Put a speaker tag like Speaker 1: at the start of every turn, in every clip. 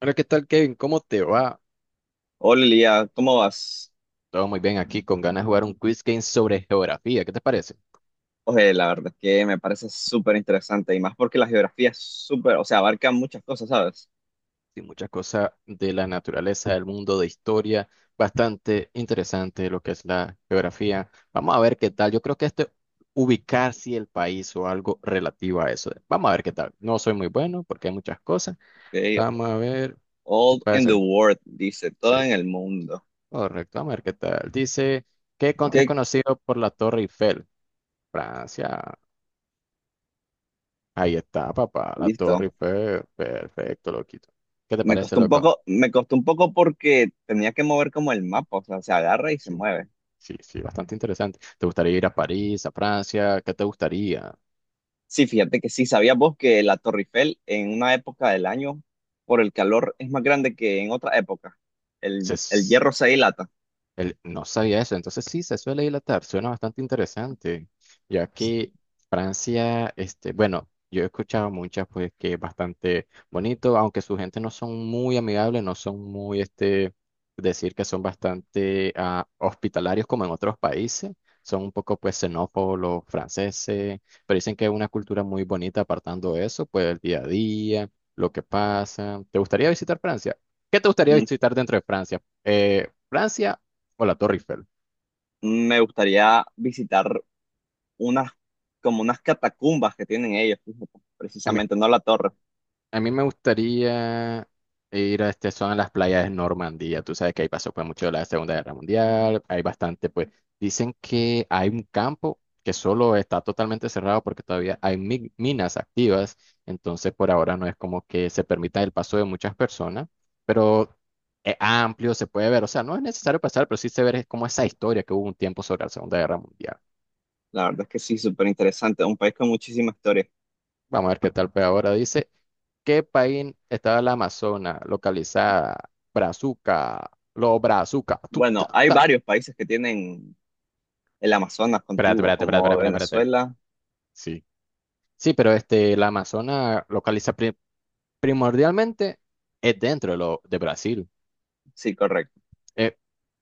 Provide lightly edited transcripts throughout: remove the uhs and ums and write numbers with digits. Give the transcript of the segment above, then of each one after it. Speaker 1: Hola, ¿qué tal, Kevin? ¿Cómo te va?
Speaker 2: Hola Lía, ¿cómo vas?
Speaker 1: Todo muy bien aquí, con ganas de jugar un quiz game sobre geografía. ¿Qué te parece?
Speaker 2: Oye, la verdad es que me parece súper interesante y más porque la geografía es súper, o sea, abarca muchas cosas, ¿sabes?
Speaker 1: Sí, muchas cosas de la naturaleza, del mundo, de historia. Bastante interesante lo que es la geografía. Vamos a ver qué tal. Yo creo que esto, ubicar si el país o algo relativo a eso. Vamos a ver qué tal. No soy muy bueno porque hay muchas cosas.
Speaker 2: Okay.
Speaker 1: Vamos a ver. ¿Qué
Speaker 2: All in the
Speaker 1: pasa?
Speaker 2: world, dice,
Speaker 1: Sí,
Speaker 2: todo en el mundo.
Speaker 1: correcto. Vamos a ver qué tal. Dice, ¿qué
Speaker 2: Ok,
Speaker 1: country es conocido por la Torre Eiffel? Francia. Ahí está, papá, la Torre
Speaker 2: listo.
Speaker 1: Eiffel. Perfecto, loquito. ¿Qué te
Speaker 2: Me
Speaker 1: parece,
Speaker 2: costó un
Speaker 1: loco?
Speaker 2: poco, me costó un poco porque tenía que mover como el mapa, o sea, se agarra y se
Speaker 1: Sí,
Speaker 2: mueve.
Speaker 1: sí, sí, bastante interesante. ¿Te gustaría ir a París, a Francia? ¿Qué te gustaría?
Speaker 2: Sí, fíjate que sí, ¿sabías vos que la Torre Eiffel en una época del año, por el calor, es más grande que en otra época? El
Speaker 1: Se-
Speaker 2: hierro se dilata.
Speaker 1: Él no sabía eso, entonces sí, se suele dilatar, suena bastante interesante, ya que Francia, este, bueno, yo he escuchado muchas, pues que es bastante bonito, aunque su gente no son muy amigables, no son muy, este, decir que son bastante hospitalarios como en otros países, son un poco, pues, xenófobos los franceses, pero dicen que es una cultura muy bonita, apartando eso, pues, el día a día, lo que pasa. ¿Te gustaría visitar Francia? ¿Qué te gustaría
Speaker 2: Mm,
Speaker 1: visitar dentro de Francia? Francia o la Torre Eiffel.
Speaker 2: Me gustaría visitar unas, como unas catacumbas que tienen ellos, fíjate,
Speaker 1: A mí,
Speaker 2: precisamente, no la torre.
Speaker 1: a mí me gustaría ir a este zona de las playas de Normandía. Tú sabes que ahí pasó pues mucho de la Segunda Guerra Mundial. Hay bastante, pues. Dicen que hay un campo que solo está totalmente cerrado porque todavía hay minas activas. Entonces, por ahora no es como que se permita el paso de muchas personas, pero es amplio, se puede ver. O sea, no es necesario pasar, pero sí se ve como esa historia que hubo un tiempo sobre la Segunda Guerra Mundial.
Speaker 2: La verdad es que sí, súper interesante, un país con muchísima historia.
Speaker 1: Vamos a ver qué tal, pues ahora dice. ¿Qué país estaba la Amazona localizada? Brazuca, lo Brazuca. Tu,
Speaker 2: Bueno,
Speaker 1: ta,
Speaker 2: hay
Speaker 1: ta.
Speaker 2: varios países que tienen el Amazonas
Speaker 1: Espérate,
Speaker 2: contiguo,
Speaker 1: espérate, espérate,
Speaker 2: como
Speaker 1: espérate, espérate. Espérate.
Speaker 2: Venezuela,
Speaker 1: Sí. Sí, pero este, la Amazona localiza primordialmente es dentro de Brasil.
Speaker 2: sí, correcto.
Speaker 1: Eh,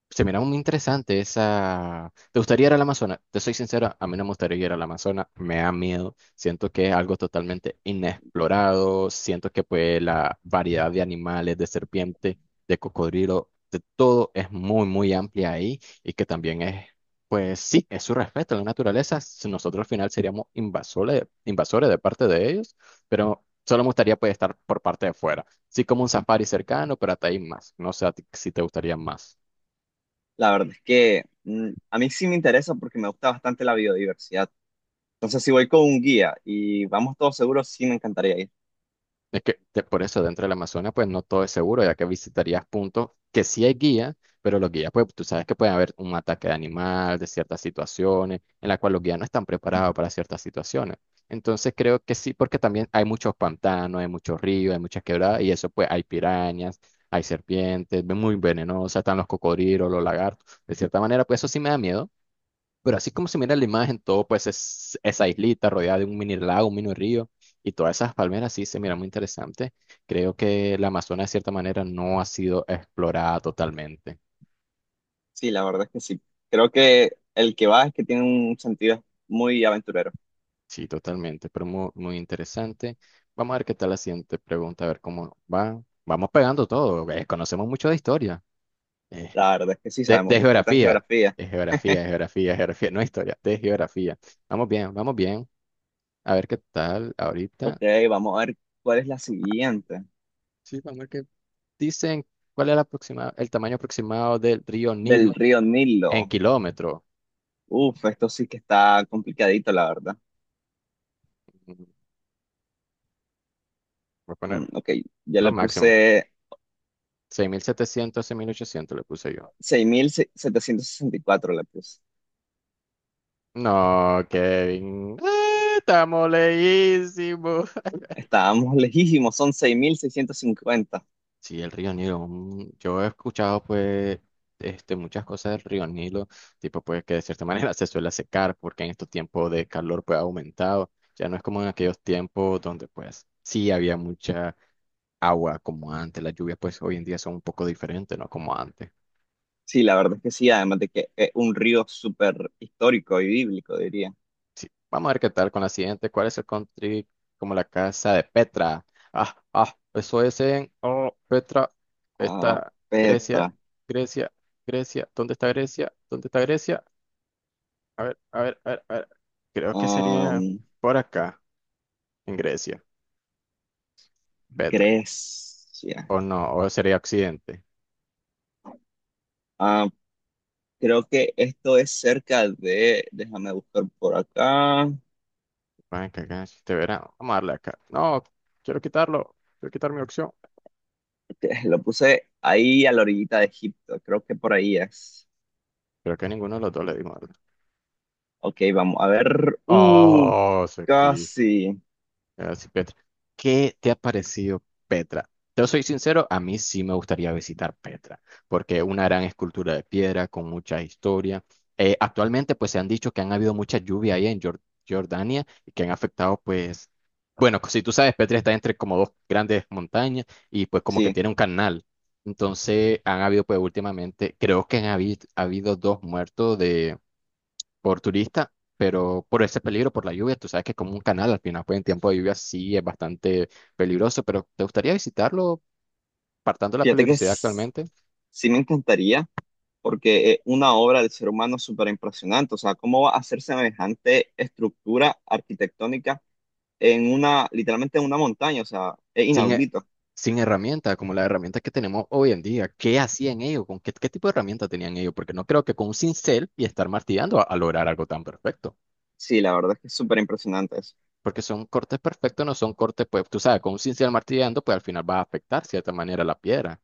Speaker 1: Se mira muy interesante esa. ¿Te gustaría ir al Amazonas? Te soy sincero, a mí no me gustaría ir al Amazonas, me da miedo, siento que es algo totalmente inexplorado, siento que pues la variedad de animales, de serpiente, de cocodrilo, de todo es muy, muy amplia ahí y que también es, pues sí, es su respeto a la naturaleza, si nosotros al final seríamos invasores, invasores de parte de ellos, pero solo me gustaría pues estar por parte de fuera, sí como un safari cercano, pero hasta ahí más, no sé a ti si te gustaría más.
Speaker 2: La verdad es que a mí sí me interesa porque me gusta bastante la biodiversidad. Entonces, si voy con un guía y vamos todos seguros, sí me encantaría ir.
Speaker 1: Es que por eso dentro del Amazonas pues no todo es seguro, ya que visitarías puntos que sí hay guía, pero los guías pues tú sabes que puede haber un ataque de animal, de ciertas situaciones, en la cual los guías no están preparados para ciertas situaciones. Entonces creo que sí, porque también hay muchos pantanos, hay muchos ríos, hay muchas quebradas y eso pues hay pirañas, hay serpientes, muy venenosas, están los cocodrilos, los lagartos. De cierta manera pues eso sí me da miedo. Pero así como se mira la imagen, todo pues es esa islita rodeada de un mini lago, un mini río y todas esas palmeras sí se mira muy interesante. Creo que la Amazonas de cierta manera no ha sido explorada totalmente.
Speaker 2: Sí, la verdad es que sí. Creo que el que va es que tiene un sentido muy aventurero.
Speaker 1: Sí, totalmente, pero muy, muy interesante. Vamos a ver qué tal la siguiente pregunta, a ver cómo va. Vamos pegando todo, conocemos mucho de historia, eh,
Speaker 2: La verdad es que sí,
Speaker 1: de,
Speaker 2: sabemos bastante de
Speaker 1: geografía,
Speaker 2: geografía.
Speaker 1: de geografía, de geografía, de geografía, no historia, de geografía. Vamos bien, vamos bien. A ver qué tal
Speaker 2: Ok,
Speaker 1: ahorita.
Speaker 2: vamos a ver cuál es la siguiente.
Speaker 1: Sí, vamos a ver qué. Dicen cuál es la el tamaño aproximado del río
Speaker 2: Del
Speaker 1: Nilo
Speaker 2: río
Speaker 1: en
Speaker 2: Nilo.
Speaker 1: kilómetros.
Speaker 2: Uf, esto sí que está complicadito, la verdad.
Speaker 1: Mm, Voy a poner
Speaker 2: Ok, ya
Speaker 1: lo
Speaker 2: le
Speaker 1: máximo.
Speaker 2: puse
Speaker 1: 6.700, 6.800 le puse yo.
Speaker 2: 6764. Le puse.
Speaker 1: No, Kevin. Estamos leísimos.
Speaker 2: Estábamos lejísimos, son 6650.
Speaker 1: Sí, el río Nilo. Yo he escuchado pues este, muchas cosas del río Nilo, tipo pues que de cierta manera se suele secar porque en estos tiempos de calor pues ha aumentado. Ya no es como en aquellos tiempos donde pues sí había mucha agua como antes. Las lluvias pues hoy en día son un poco diferentes, ¿no? Como antes.
Speaker 2: Sí, la verdad es que sí, además de que es un río súper histórico y bíblico, diría.
Speaker 1: Sí, vamos a ver qué tal con la siguiente. ¿Cuál es el country como la casa de Petra? Ah, ah, eso es en oh, Petra.
Speaker 2: Ah,
Speaker 1: Está Grecia,
Speaker 2: Petra,
Speaker 1: Grecia, Grecia. ¿Dónde está Grecia? ¿Dónde está Grecia? A ver, a ver, a ver, a ver. Creo que sería
Speaker 2: am,
Speaker 1: por acá, en Grecia, Petra.
Speaker 2: Grecia.
Speaker 1: O no, o sería Occidente.
Speaker 2: Ah, creo que esto es cerca de, déjame buscar por acá.
Speaker 1: Van que acá este verano. Vamos a darle acá. No, quiero quitarlo. Quiero quitar mi opción.
Speaker 2: Lo puse ahí a la orillita de Egipto, creo que por ahí es.
Speaker 1: Creo que a ninguno de los dos le dimos, ¿verdad?
Speaker 2: Ok, vamos a ver.
Speaker 1: Oh, se quiso.
Speaker 2: Casi.
Speaker 1: Ah, sí, Petra. ¿Qué te ha parecido Petra? Yo soy sincero, a mí sí me gustaría visitar Petra, porque una gran escultura de piedra con mucha historia. Actualmente, pues se han dicho que han habido mucha lluvia ahí en Jordania y que han afectado, pues, bueno, si tú sabes, Petra está entre como dos grandes montañas y pues como que
Speaker 2: Sí,
Speaker 1: tiene un canal. Entonces, han habido, pues últimamente, creo que habido dos muertos por turista, pero por ese peligro, por la lluvia, tú sabes que como un canal al final, pues en tiempo de lluvia sí es bastante peligroso, pero ¿te gustaría visitarlo partando de la
Speaker 2: fíjate que
Speaker 1: peligrosidad actualmente?
Speaker 2: sí me encantaría, porque es una obra del ser humano súper impresionante. O sea, ¿cómo va a hacer semejante estructura arquitectónica en una, literalmente en una montaña? O sea, es
Speaker 1: Sin, he-
Speaker 2: inaudito.
Speaker 1: sin herramientas, como las herramientas que tenemos hoy en día. ¿Qué hacían ellos? ¿Con qué tipo de herramientas tenían ellos? Porque no creo que con un cincel y estar martillando a lograr algo tan perfecto.
Speaker 2: Sí, la verdad es que es súper impresionante eso.
Speaker 1: Porque son cortes perfectos, no son cortes, pues tú sabes, con un cincel martillando, pues al final va a afectar de cierta manera la piedra.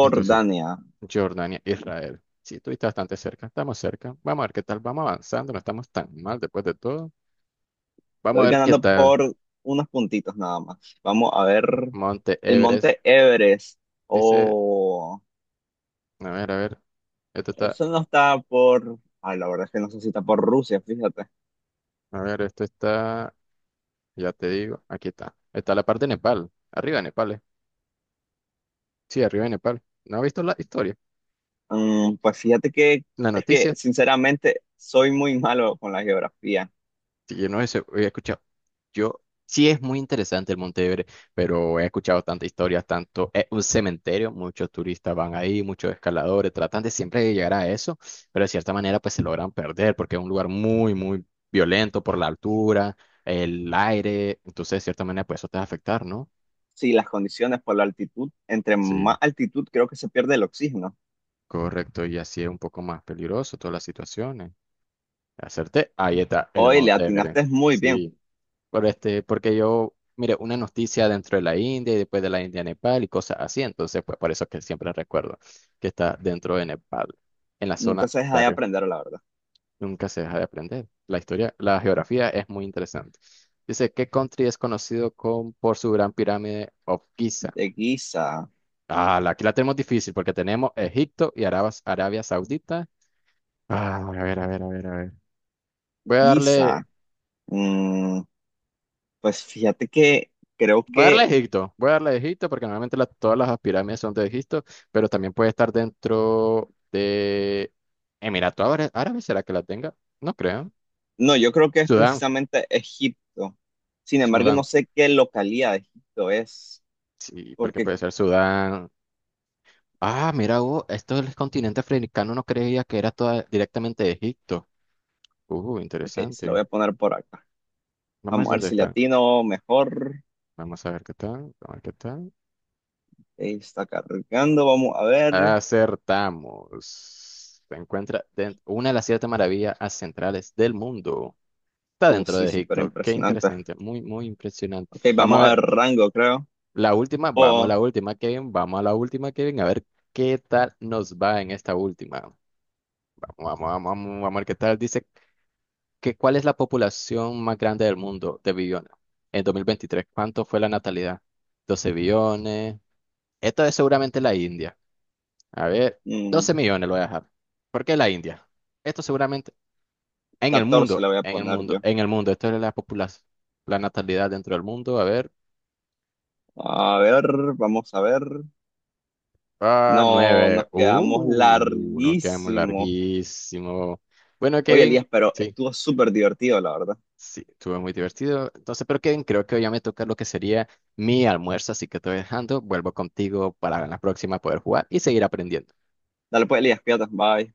Speaker 1: Entonces, Jordania, Israel. Sí, estuviste bastante cerca, estamos cerca. Vamos a ver qué tal, vamos avanzando, no estamos tan mal después de todo. Vamos a
Speaker 2: Estoy
Speaker 1: ver qué
Speaker 2: ganando
Speaker 1: tal.
Speaker 2: por unos puntitos nada más. Vamos a ver
Speaker 1: Monte
Speaker 2: el
Speaker 1: Everest
Speaker 2: monte Everest.
Speaker 1: dice,
Speaker 2: Oh,
Speaker 1: a ver, esto está,
Speaker 2: eso no está por... Ah, la verdad es que no sé si está por Rusia, fíjate.
Speaker 1: a ver, esto está, ya te digo, aquí está. Está la parte de Nepal, arriba de Nepal. Sí, arriba de Nepal. ¿No has visto la historia?
Speaker 2: Mm, pues fíjate que
Speaker 1: La
Speaker 2: es que
Speaker 1: noticia.
Speaker 2: sinceramente soy muy malo con la geografía.
Speaker 1: Sí, yo no eso, he escuchado. Yo sí es muy interesante el Montevideo, pero he escuchado tantas historias, tanto es un cementerio, muchos turistas van ahí, muchos escaladores, tratan de siempre de llegar a eso, pero de cierta manera pues se logran perder porque es un lugar muy, muy violento por la altura, el aire, entonces de cierta manera pues eso te va a afectar, ¿no?
Speaker 2: Sí, las condiciones por la altitud. Entre más
Speaker 1: Sí,
Speaker 2: altitud creo que se pierde el oxígeno.
Speaker 1: correcto, y así es un poco más peligroso todas las situaciones. Acerté, ahí está el
Speaker 2: Hoy le
Speaker 1: Montevideo.
Speaker 2: atinaste muy bien.
Speaker 1: Sí. Por este, porque yo mire una noticia dentro de la India y después de la India Nepal y cosas así, entonces pues por eso es que siempre recuerdo que está dentro de Nepal, en la
Speaker 2: Nunca
Speaker 1: zona
Speaker 2: se
Speaker 1: de
Speaker 2: deja de
Speaker 1: arriba.
Speaker 2: aprender, la verdad.
Speaker 1: Nunca se deja de aprender. La historia, la geografía es muy interesante. Dice, ¿qué country es conocido por su gran pirámide of Giza?
Speaker 2: De Giza,
Speaker 1: Aquí la tenemos difícil porque tenemos Egipto y Arabia Saudita. A ver, a ver, a ver, a ver. Voy a darle
Speaker 2: Giza. Mm, pues fíjate que creo
Speaker 1: Voy a darle a
Speaker 2: que...
Speaker 1: Egipto, voy a darle a Egipto porque normalmente todas las pirámides son de Egipto, pero también puede estar dentro de Emiratos Árabes, ¿será que la tenga? No creo.
Speaker 2: No, yo creo que es
Speaker 1: Sudán,
Speaker 2: precisamente Egipto. Sin embargo, no
Speaker 1: Sudán,
Speaker 2: sé qué localidad de Egipto es,
Speaker 1: sí, porque
Speaker 2: porque,
Speaker 1: puede ser Sudán. Mira, vos, esto del continente africano no creía que era toda directamente de Egipto.
Speaker 2: ok, se lo voy
Speaker 1: Interesante.
Speaker 2: a poner por acá.
Speaker 1: Vamos
Speaker 2: Vamos
Speaker 1: a ver
Speaker 2: a ver
Speaker 1: dónde
Speaker 2: si
Speaker 1: están.
Speaker 2: latino mejor.
Speaker 1: Vamos a ver qué tal, vamos a ver qué tal.
Speaker 2: Ahí está cargando, vamos a ver.
Speaker 1: Acertamos. Se encuentra dentro, una de las siete maravillas centrales del mundo. Está dentro
Speaker 2: Sí,
Speaker 1: de
Speaker 2: súper
Speaker 1: Egipto. Qué
Speaker 2: impresionante.
Speaker 1: interesante. Muy, muy impresionante.
Speaker 2: Ok,
Speaker 1: Vamos a
Speaker 2: vamos a ver
Speaker 1: ver.
Speaker 2: rango, creo.
Speaker 1: La última, vamos a
Speaker 2: O
Speaker 1: la última, Kevin. Vamos a la última, Kevin. A ver qué tal nos va en esta última. Vamos, vamos, vamos, vamos, vamos a ver qué tal. Dice que cuál es la población más grande del mundo de billones en 2023. ¿Cuánto fue la natalidad? 12 billones. Esto es seguramente la India. A ver,
Speaker 2: mm,
Speaker 1: 12 millones lo voy a dejar. ¿Por qué la India? Esto seguramente en el
Speaker 2: 14 le
Speaker 1: mundo,
Speaker 2: voy a
Speaker 1: en el
Speaker 2: poner yo.
Speaker 1: mundo, en el mundo. Esto es la población, la natalidad dentro del mundo. A ver.
Speaker 2: A ver, vamos a ver.
Speaker 1: Ah,
Speaker 2: No,
Speaker 1: nueve.
Speaker 2: nos quedamos
Speaker 1: Nos quedamos
Speaker 2: larguísimo.
Speaker 1: larguísimo. Bueno,
Speaker 2: Oye,
Speaker 1: Kevin,
Speaker 2: Elías, pero
Speaker 1: sí,
Speaker 2: estuvo súper divertido, la verdad.
Speaker 1: sí, estuvo muy divertido. Entonces, pero Kevin, creo que hoy ya me toca lo que sería mi almuerzo, así que te voy dejando. Vuelvo contigo para la próxima poder jugar y seguir aprendiendo.
Speaker 2: Dale pues, Elías, cuídate, bye.